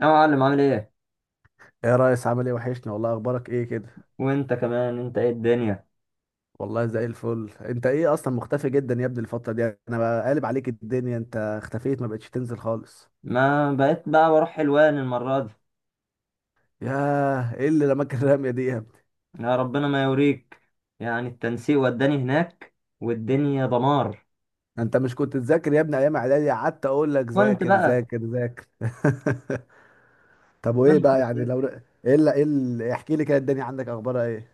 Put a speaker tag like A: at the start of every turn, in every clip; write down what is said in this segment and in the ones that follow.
A: يا معلم، عامل ايه؟
B: ايه يا ريس، عامل ايه؟ وحشني والله. اخبارك ايه كده؟
A: وانت كمان، انت ايه الدنيا؟
B: والله زي الفل. انت ايه اصلا مختفي جدا يا ابني؟ الفتره دي انا بقالب عليك الدنيا. انت اختفيت، ما بقتش تنزل خالص.
A: ما بقيت بقى بروح حلوان المرة دي.
B: ياه، ايه اللي رماك الرميه دي يا ابني؟
A: يا ربنا ما يوريك، يعني التنسيق وداني هناك والدنيا دمار.
B: انت مش كنت تذاكر يا ابني ايام اعدادي؟ قعدت اقول لك
A: كنت
B: ذاكر
A: بقى
B: ذاكر ذاكر. طب وايه
A: كنت
B: بقى يعني؟
A: بقى-
B: ايه اللي احكي لي كده الدنيا عندك، اخبارها ايه؟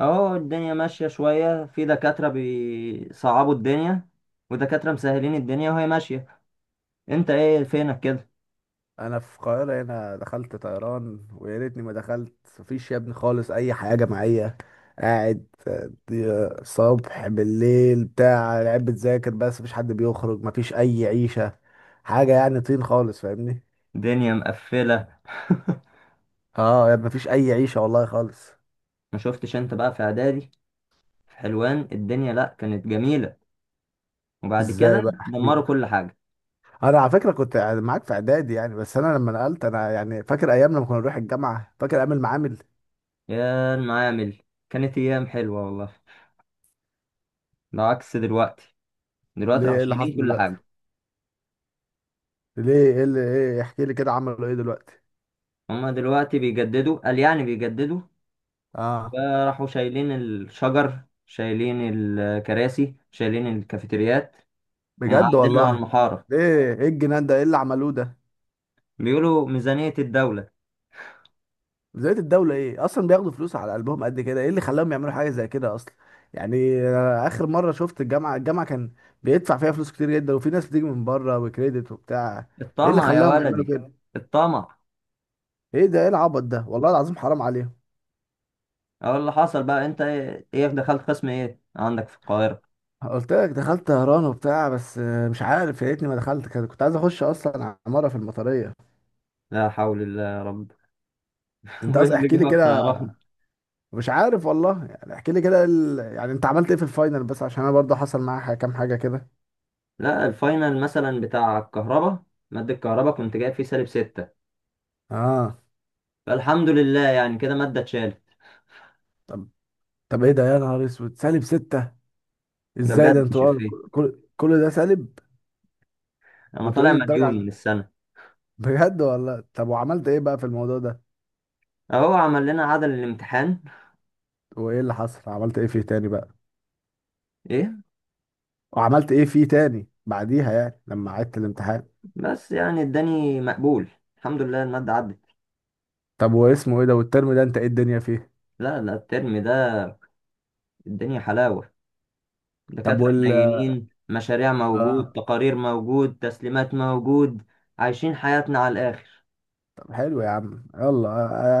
A: اهو الدنيا ماشية شوية، في دكاترة بيصعبوا الدنيا ودكاترة مسهلين الدنيا وهي ماشية. انت ايه فينك كده؟
B: انا في القاهره هنا، دخلت طيران ويا ريتني ما دخلت. مفيش يا ابني خالص اي حاجه معايا. قاعد، صبح بالليل بتاع لعب بتذاكر، بس مفيش حد بيخرج، مفيش اي عيشه. حاجه يعني طين خالص، فاهمني؟
A: الدنيا مقفلة.
B: اه يا ابني، مفيش اي عيشه والله خالص.
A: ما شفتش انت بقى في اعدادي في حلوان الدنيا؟ لا، كانت جميلة وبعد
B: ازاي
A: كده
B: بقى؟
A: دمروا
B: احكيلي.
A: كل حاجة.
B: انا على فكره كنت معاك في اعدادي يعني، بس انا لما نقلت، انا يعني فاكر ايام لما كنا نروح الجامعه، فاكر ايام المعامل.
A: يا المعامل، كانت ايام حلوه والله، ده عكس دلوقتي. دلوقتي
B: ليه؟
A: راحوا
B: ايه اللي حصل
A: شايلين كل
B: دلوقتي؟
A: حاجه.
B: ليه؟ ايه احكي لي كده، عملوا ايه دلوقتي؟
A: هما دلوقتي بيجددوا، قال يعني بيجددوا،
B: اه.
A: فراحوا شايلين الشجر، شايلين الكراسي، شايلين الكافيتريات
B: بجد
A: ومقعديننا على
B: والله؟
A: المحاره.
B: ايه الجنان ده، ايه اللي عملوه ده؟
A: بيقولوا ميزانيه الدوله.
B: بداية الدولة ايه اصلا؟ بياخدوا فلوس على قلبهم قد كده، ايه اللي خلاهم يعملوا حاجة زي كده اصلا؟ يعني أنا اخر مرة شفت الجامعة كان بيدفع فيها فلوس كتير جدا، وفي ناس بتيجي من بره وكريدت وبتاع. ايه اللي
A: الطمع يا
B: خلاهم يعملوا
A: ولدي،
B: كده؟
A: الطمع.
B: ايه ده؟ ايه العبط ده والله العظيم؟ حرام عليهم.
A: اقول اللي حصل بقى. انت ايه إيه دخلت قسم ايه عندك في القاهره؟
B: قلت لك دخلت طهران وبتاع، بس مش عارف، يا ريتني ما دخلت كده، كنت عايز اخش اصلا عمارة في المطرية.
A: لا حول الله يا رب.
B: انت
A: وايه
B: اصلا
A: اللي
B: احكي لي
A: جابك
B: كده.
A: طيران؟
B: مش عارف والله يعني، احكي لي كده يعني انت عملت ايه في الفاينل؟ بس عشان انا برضه حصل معايا كام حاجه كده.
A: لا الفاينل مثلا بتاع الكهرباء، مادة الكهرباء كنت جايب فيه -6،
B: اه.
A: فالحمد لله يعني كده مادة اتشالت.
B: طب. طب ايه ده يا نهار اسود؟ -6؟
A: ده
B: ازاي ده؟
A: بجد مش
B: انتوا اه
A: إفيه،
B: كل ده سالب؟
A: أنا
B: وانتوا
A: طالع
B: ايه الدرجه
A: مديون من السنة.
B: بجد والله؟ طب وعملت ايه بقى في الموضوع ده؟
A: أهو عمل لنا عدل الامتحان.
B: وايه اللي حصل؟ عملت ايه فيه تاني بقى؟
A: إيه؟
B: وعملت ايه فيه تاني بعديها يعني لما عدت الامتحان؟
A: بس يعني اداني مقبول، الحمد لله المادة عدت.
B: طب واسمه ايه ده؟ والترم ده انت ايه الدنيا فيه؟
A: لا لا، الترم ده الدنيا حلاوة،
B: طب
A: دكاترة حنينين، مشاريع موجود،
B: اه.
A: تقارير موجود، تسليمات موجود، عايشين حياتنا على الآخر.
B: طب حلو يا عم يلا،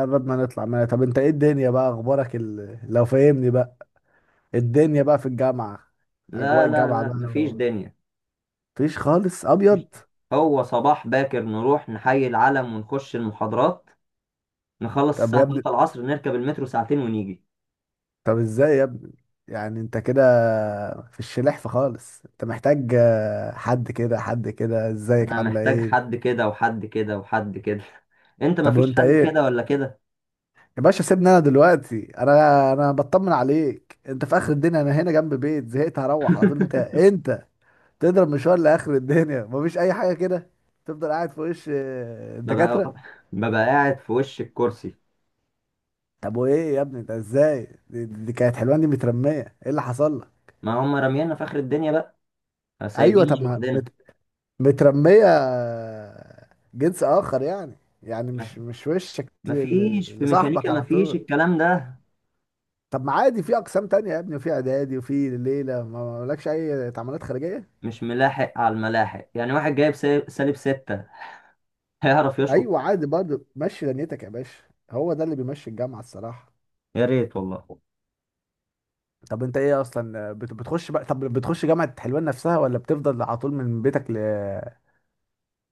B: قرب ما نطلع منها. طب انت ايه الدنيا بقى، اخبارك لو فاهمني بقى. الدنيا بقى في الجامعة. أجواء
A: لا لا
B: الجامعة
A: لا،
B: بقى
A: مفيش دنيا.
B: مفيش خالص أبيض.
A: هو صباح باكر نروح نحيي العلم ونخش المحاضرات، نخلص
B: طب
A: الساعة
B: يا ابني.
A: 3 العصر، نركب المترو ساعتين ونيجي.
B: طب إزاي يا ابني؟ يعني أنت كده. في الشلحف خالص. أنت محتاج حد كده حد كده، إزيك
A: أنا
B: عاملة
A: محتاج
B: إيه؟
A: حد كده وحد كده وحد كده. أنت
B: طب
A: مفيش
B: وأنت
A: حد كده
B: إيه؟
A: ولا كده.
B: يا باشا سيبني. أنا دلوقتي أنا بطمن عليك، أنت في آخر الدنيا، أنا هنا جنب بيت، زهقت هروح على طول. أنت تضرب مشوار لآخر الدنيا مفيش أي حاجة كده. تفضل قاعد في وش
A: ببقى
B: الدكاترة.
A: ببقى قاعد في وش الكرسي.
B: طب وايه يا ابني ده؟ ازاي دي كانت حلوان دي مترميه؟ ايه اللي حصل لها؟
A: ما هم رميانا في آخر الدنيا بقى،
B: ايوه
A: سايبيني
B: طب ما
A: لوحدنا.
B: مترميه. جنس اخر يعني. يعني مش وشك
A: مفيش في
B: لصاحبك
A: ميكانيكا،
B: على
A: مفيش
B: طول.
A: الكلام ده.
B: طب ما عادي، في اقسام تانية يا ابني، وفي اعدادي، وفي ليله ما لكش اي تعاملات خارجيه.
A: مش ملاحق على الملاحق، يعني واحد جايب -6 هيعرف يشقط؟
B: ايوه عادي برضه، مشي دنيتك يا باشا. هو ده اللي بيمشي الجامعه الصراحه.
A: يا ريت والله.
B: طب انت ايه اصلا بتخش بقى؟ طب بتخش جامعه حلوان نفسها، ولا بتفضل على طول من بيتك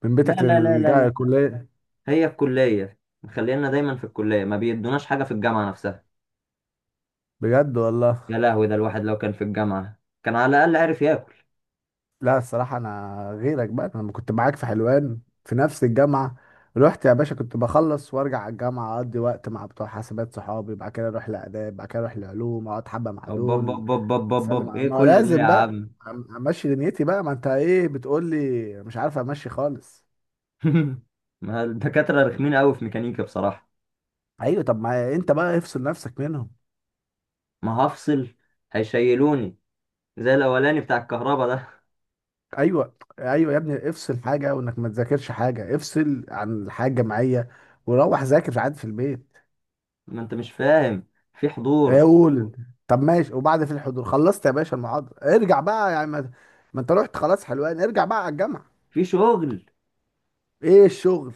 B: من
A: لا
B: بيتك
A: لا لا لا،
B: للكليه؟
A: هي الكلية مخلينا دايما في الكلية، ما بيدوناش حاجة في الجامعة نفسها.
B: بجد والله؟
A: يا لهوي، ده الواحد لو كان في الجامعة كان على الأقل عارف ياكل.
B: لا الصراحة أنا غيرك بقى. أنا لما كنت معاك في حلوان في نفس الجامعة، رحت يا باشا كنت بخلص وارجع على الجامعة، أقضي وقت مع بتوع حاسبات صحابي، بعد كده أروح لآداب، بعد كده أروح لعلوم، أقعد حبة مع
A: بب بب
B: دول.
A: بب بب بب بب.
B: أسلم على
A: ايه
B: ما
A: كل ده يا
B: لازم بقى.
A: عم؟
B: أم- أمشي دنيتي بقى، ما أنت إيه بتقول لي. مش عارف أمشي خالص.
A: ما الدكاترة رخمين قوي في ميكانيكا بصراحة.
B: أيوة طب ما أنت بقى افصل نفسك منهم.
A: ما هفصل، هيشيلوني زي الأولاني بتاع الكهرباء ده.
B: أيوة أيوة يا ابني، افصل حاجة وإنك ما تذاكرش حاجة، افصل عن الحياة الجامعية، وروح ذاكر عادي في البيت.
A: ما انت مش فاهم، في
B: إيه؟
A: حضور.
B: قول انت. طب ماشي، وبعد في الحضور خلصت يا باشا المحاضرة ارجع بقى يعني ما انت رحت خلاص حلوان، ارجع بقى على الجامعة.
A: في شغل،
B: ايه الشغل؟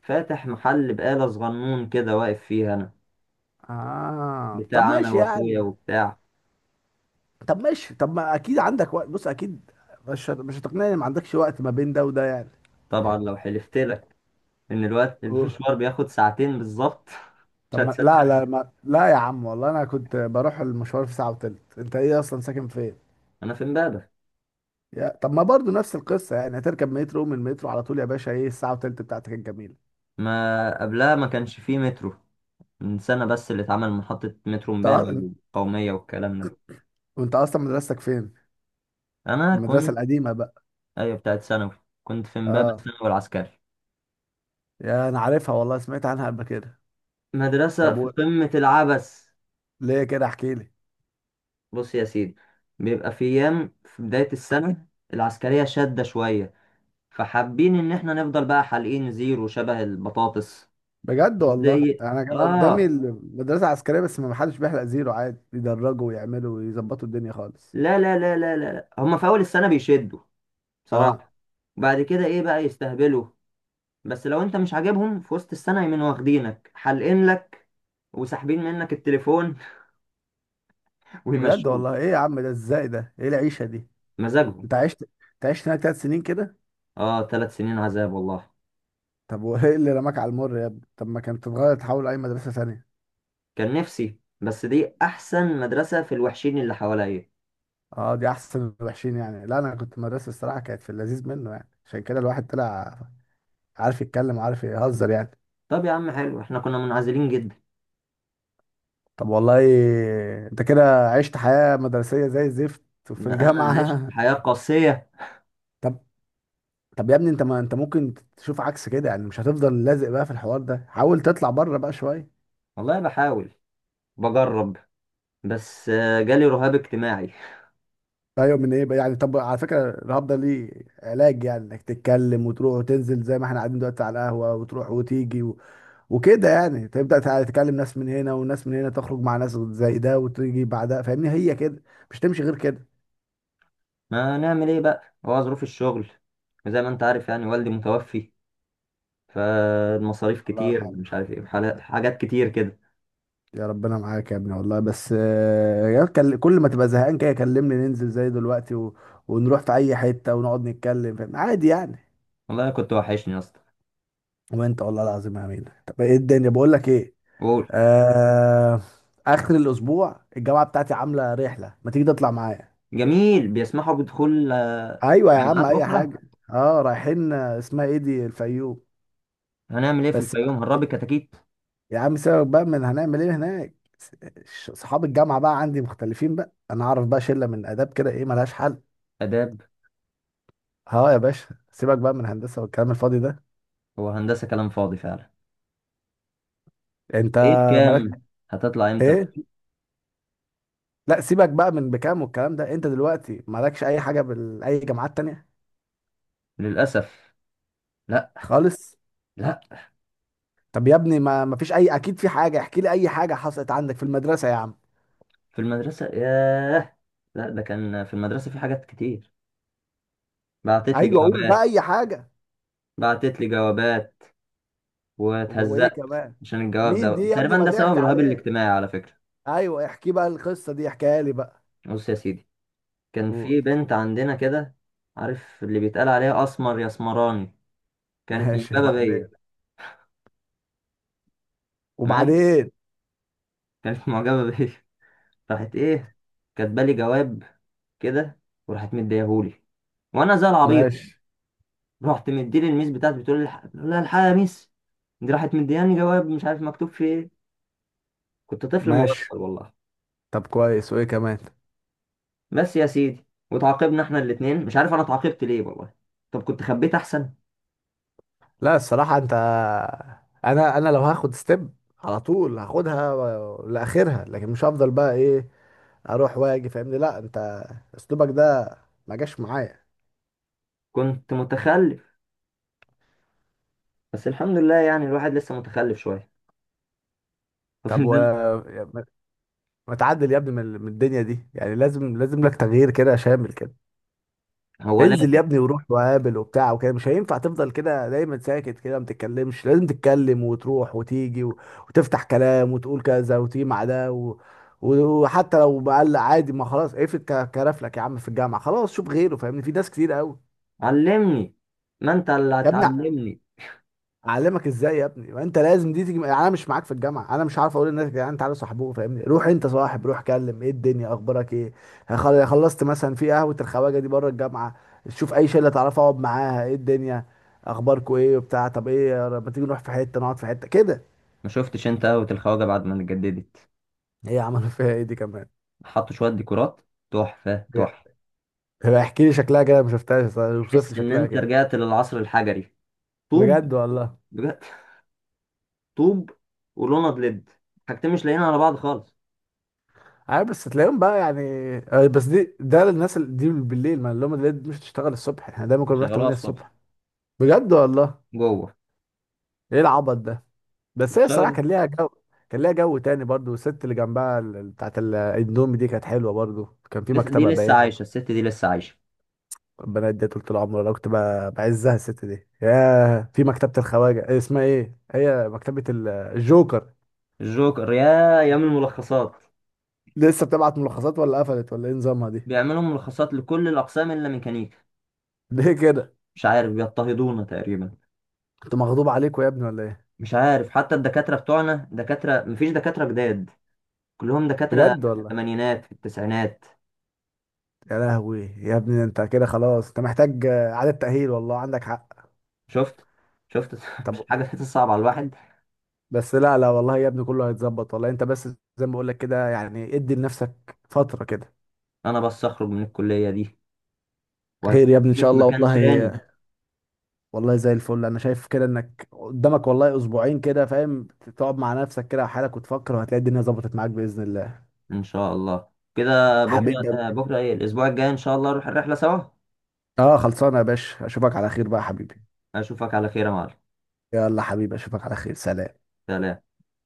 A: فاتح محل بقالة صغنون كده واقف فيه أنا،
B: اه طب
A: بتاع أنا
B: ماشي
A: وأخويا
B: يعني.
A: وبتاع.
B: طب ماشي، طب ما اكيد عندك وقت، بص اكيد مش هتقنعني ما عندكش وقت ما بين ده وده يعني.
A: طبعا لو حلفت لك ان الوقت
B: أوه.
A: المشوار بياخد ساعتين بالظبط. مش
B: طب ما
A: هتصدق،
B: لا لا ما لا يا عم، والله انا كنت بروح المشوار في ساعة وتلت. انت ايه اصلا ساكن فين؟
A: انا في امبابة.
B: يا طب ما برضو نفس القصة، يعني هتركب مترو من المترو على طول يا باشا، ايه الساعة وتلت بتاعتك الجميلة؟
A: ما قبلها ما كانش فيه مترو، من سنة بس اللي اتعمل محطة مترو امبابة
B: طب
A: والقومية والكلام ده.
B: وانت اصلا مدرستك فين؟
A: انا
B: المدرسة
A: كنت،
B: القديمة بقى؟
A: ايوه بتاعت ثانوي، كنت في امبابة
B: اه
A: الثانوي العسكري.
B: يا انا عارفها والله، سمعت عنها قبل كده.
A: مدرسة
B: طب
A: في قمة العبث.
B: ليه كده؟ احكي لي.
A: بص يا سيدي، بيبقى في ايام في بداية السنة العسكرية شادة شوية، فحابين ان احنا نفضل بقى حالقين زيرو شبه البطاطس
B: بجد والله؟
A: زي.
B: انا كان قدامي
A: اه
B: المدرسه عسكريه بس ما حدش بيحلق زيرو، عادي يدرجوا ويعملوا ويظبطوا الدنيا خالص.
A: لا لا لا لا لا لا، هما في اول السنة بيشدوا
B: اه.
A: بصراحة، بعد كده ايه بقى يستهبلوا، بس لو انت مش عاجبهم في وسط السنة يمين واخدينك حالقين لك وساحبين منك التليفون
B: بجد
A: ويمشوك.
B: والله؟ ايه يا عم ده؟ ازاي ده؟ ايه العيشه دي؟
A: مزاجهم.
B: انت عشت. انت عشت هناك 3 سنين كده؟
A: اه، 3 سنين عذاب والله.
B: طب وايه اللي رماك على المر يا ابني؟ طب ما كانت تتغير تحول اي مدرسه ثانيه.
A: كان نفسي، بس دي احسن مدرسة في الوحشين اللي حواليا.
B: اه دي احسن وحشين يعني؟ لا انا كنت مدرسه الصراحه كانت في اللذيذ منه، يعني عشان كده الواحد طلع عارف يتكلم وعارف يهزر يعني.
A: طب يا عم حلو، احنا كنا منعزلين جدا.
B: طب والله. انت كده عشت حياة مدرسية زي الزفت في
A: لا، انا عشت
B: الجامعة.
A: حياة قاسية.
B: طب. طب يا ابني، انت ما انت ممكن تشوف عكس كده، يعني مش هتفضل لازق بقى في الحوار ده، حاول تطلع بره بقى شوية.
A: والله بحاول، بجرب، بس جالي رهاب اجتماعي.
B: ايوه من ايه بقى يعني؟ طب على فكرة الرهاب ده ليه؟ علاج يعني انك تتكلم وتروح وتنزل زي ما احنا قاعدين دلوقتي على القهوة، وتروح وتيجي وكده يعني تبدأ تكلم ناس من هنا وناس من هنا، تخرج مع ناس زي ده وتيجي بعدها، فاهمني هي كده. مش تمشي غير كده.
A: ما نعمل ايه بقى، هو ظروف الشغل وزي ما انت عارف يعني، والدي متوفي فالمصاريف
B: الله
A: كتير
B: يرحمه.
A: مش عارف ايه، حاجات كتير كده.
B: يا ربنا معاك يا ابني والله. بس يا كل كل ما تبقى زهقان كده كلمني ننزل زي دلوقتي ونروح في اي حته ونقعد نتكلم، فاهم؟ عادي يعني.
A: والله كنت وحشني يا اسطى.
B: وانت والله العظيم يا امين. طب ايه الدنيا، بقول لك ايه؟
A: قول.
B: آه... اخر الاسبوع الجامعه بتاعتي عامله رحله، ما تيجي تطلع معايا؟
A: جميل، بيسمحوا بدخول
B: ايوه يا عم
A: جامعات
B: اي
A: اخرى؟
B: حاجه. اه رايحين، اسمها ايه دي، الفيوم.
A: هنعمل ايه في
B: بس بقى.
A: الفيوم، هنربي كتاكيت؟
B: يا عم سيبك بقى من هنعمل ايه هناك. س- صحاب الجامعه بقى عندي مختلفين بقى، انا اعرف بقى شله من اداب كده ايه ملهاش حل.
A: اداب؟
B: اه يا باشا، سيبك بقى من هندسة والكلام الفاضي ده.
A: هو هندسه كلام فاضي فعلا.
B: انت
A: ايه بكام؟
B: مالك.
A: هتطلع امتى بقى؟
B: ايه؟ لا سيبك بقى من بكام والكلام ده، انت دلوقتي مالكش اي حاجة باي جامعات تانية؟
A: للاسف لا.
B: خالص.
A: لا.
B: طب يا ابني، ما فيش اي، اكيد في حاجة، احكي لي اي حاجة حصلت عندك في المدرسة يا عم.
A: في المدرسه ياه، لا ده كان في المدرسه في حاجات كتير. بعتت لي
B: ايوه قول بقى
A: جوابات،
B: اي حاجة.
A: بعتت لي جوابات
B: وايه
A: واتهزقت
B: كمان؟
A: عشان الجواب
B: مين دي
A: ده،
B: يا ابني؟
A: تقريبا
B: ما
A: ده سبب
B: تحكي
A: رهاب
B: عليها.
A: الاجتماعي على فكره.
B: ايوه احكي بقى، القصة دي احكيها لي بقى.
A: بص يا سيدي، كان
B: قول.
A: في بنت عندنا كده، عارف اللي بيتقال عليها اسمر يا اسمراني، كانت
B: ماشي
A: معجبة
B: وبعدين.
A: بيا. تمام،
B: وبعدين؟
A: كانت معجبة بيا، راحت ايه، كاتبالي جواب كده وراحت مديهولي، وانا زي العبيط
B: ماشي.
A: رحت مديلي الميس بتاعتي بتقول لي بقول لها الحقيقة يا ميس، دي راحت مدياني جواب مش عارف مكتوب فيه ايه. كنت طفل مغفل
B: ماشي،
A: والله.
B: طب كويس، وايه كمان؟
A: بس يا سيدي وتعاقبنا احنا الاتنين، مش عارف انا اتعاقبت ليه والله، طب كنت خبيت احسن.
B: لا الصراحة انت، انا لو هاخد ستيب على طول هاخدها لاخرها، لكن مش هفضل بقى ايه اروح واجي فاهمني. لا انت اسلوبك ده ما جاش معايا.
A: كنت متخلف، بس الحمد لله يعني الواحد لسه متخلف شوية.
B: طب ما ما تعدل يا ابني من الدنيا دي، يعني لازم لك تغيير كده شامل كده.
A: هو
B: انزل يا
A: لازم.
B: ابني وروح وقابل وبتاع وكده، مش هينفع تفضل كده دايما ساكت كده ما تتكلمش، لازم تتكلم وتروح وتيجي وتفتح كلام وتقول كذا وتيجي مع ده وحتى لو مقلق عادي، ما خلاص اقفل كرفلك يا عم في الجامعه خلاص، شوف غيره فاهمني، في ناس كتير قوي.
A: علمني. ما انت اللي
B: يا ابني،
A: هتعلمني.
B: اعلمك ازاي يا ابني؟ ما انت لازم دي تيجي، انا مش معاك في الجامعه، انا مش عارف اقول للناس يا جدعان تعالوا صاحبوه، فاهمني؟ روح انت صاحب، روح كلم، ايه الدنيا اخبارك ايه؟ خلصت مثلا في قهوه الخواجه دي بره الجامعه، شوف اي شله تعرف اقعد معاها، ايه الدنيا اخباركوا ايه وبتاع، طب ايه لما تيجي نروح في حته نقعد في حته كده.
A: ما شفتش انت قهوة الخواجة بعد ما اتجددت؟
B: هي عملوا فيها ايه دي كمان؟
A: حطوا شوية ديكورات، تحفة تحفة.
B: هي احكي لي شكلها كده، ما شفتهاش، اوصف
A: تحس
B: لي
A: ان
B: شكلها
A: انت
B: كده.
A: رجعت للعصر الحجري. طوب.
B: بجد والله؟
A: بجد، طوب ولوند ليد، حاجتين مش لاقيين على بعض خالص.
B: عارف بس تلاقيهم بقى يعني. بس دي ده للناس دي بالليل، ما اللي هم اللي مش تشتغل الصبح، احنا دايما كنا بنروح
A: شغلوها
B: 8
A: الصبح
B: الصبح. بجد والله.
A: جوه.
B: ايه العبط ده؟ بس هي الصراحه
A: والشجرة.
B: كان ليها جو. كان ليها جو تاني برضو، الست اللي جنبها بتاعت الاندومي دي كانت حلوه برضو، كان في
A: لسه دي،
B: مكتبه
A: لسه
B: باين.
A: عايشة الست دي، لسه عايشة.
B: البنات دي طول العمر انا كنت بعزها الست دي. ياه، في مكتبه الخواجه إيه اسمها، ايه هي مكتبه الجوكر.
A: الجوكر، يا ايام الملخصات.
B: لسه بتبعت ملخصات ولا قفلت، ولا ايه نظامها دي؟
A: بيعملوا ملخصات لكل الاقسام الا ميكانيكا.
B: ليه كده؟
A: مش عارف، بيضطهدونا تقريبا.
B: كنت مغضوب عليكوا يا ابني ولا ايه؟
A: مش عارف، حتى الدكاترة بتوعنا دكاترة، مفيش دكاترة جداد، كلهم دكاترة
B: بجد
A: في
B: والله.
A: الثمانينات في التسعينات.
B: يا لهوي يا ابني، انت كده خلاص، انت محتاج اعاده تاهيل والله عندك حق.
A: شفت؟ شفت؟ مش
B: طب.
A: حاجة تحس صعبة على الواحد؟
B: بس لا لا والله يا ابني، كله هيتظبط والله. انت بس زي ما بقول لك كده، يعني ادي لنفسك فترة كده.
A: أنا بس أخرج من الكلية دي
B: خير يا ابني ان
A: وهتشوفني
B: شاء
A: في
B: الله
A: مكان
B: والله.
A: تاني
B: والله زي الفل، انا شايف كده انك قدامك والله اسبوعين كده، فاهم؟ تقعد مع نفسك كده وحالك وتفكر، وهتلاقي الدنيا ظبطت معاك باذن الله يا
A: إن شاء الله. كده
B: حبيبي.
A: بكرة إيه، الأسبوع الجاي إن شاء الله نروح الرحلة سوا.
B: اه خلصانه يا باشا، اشوفك على خير بقى يا حبيبي.
A: أشوفك على خير يا معلم.
B: يلا حبيبي، اشوفك على خير. سلام.
A: سلام.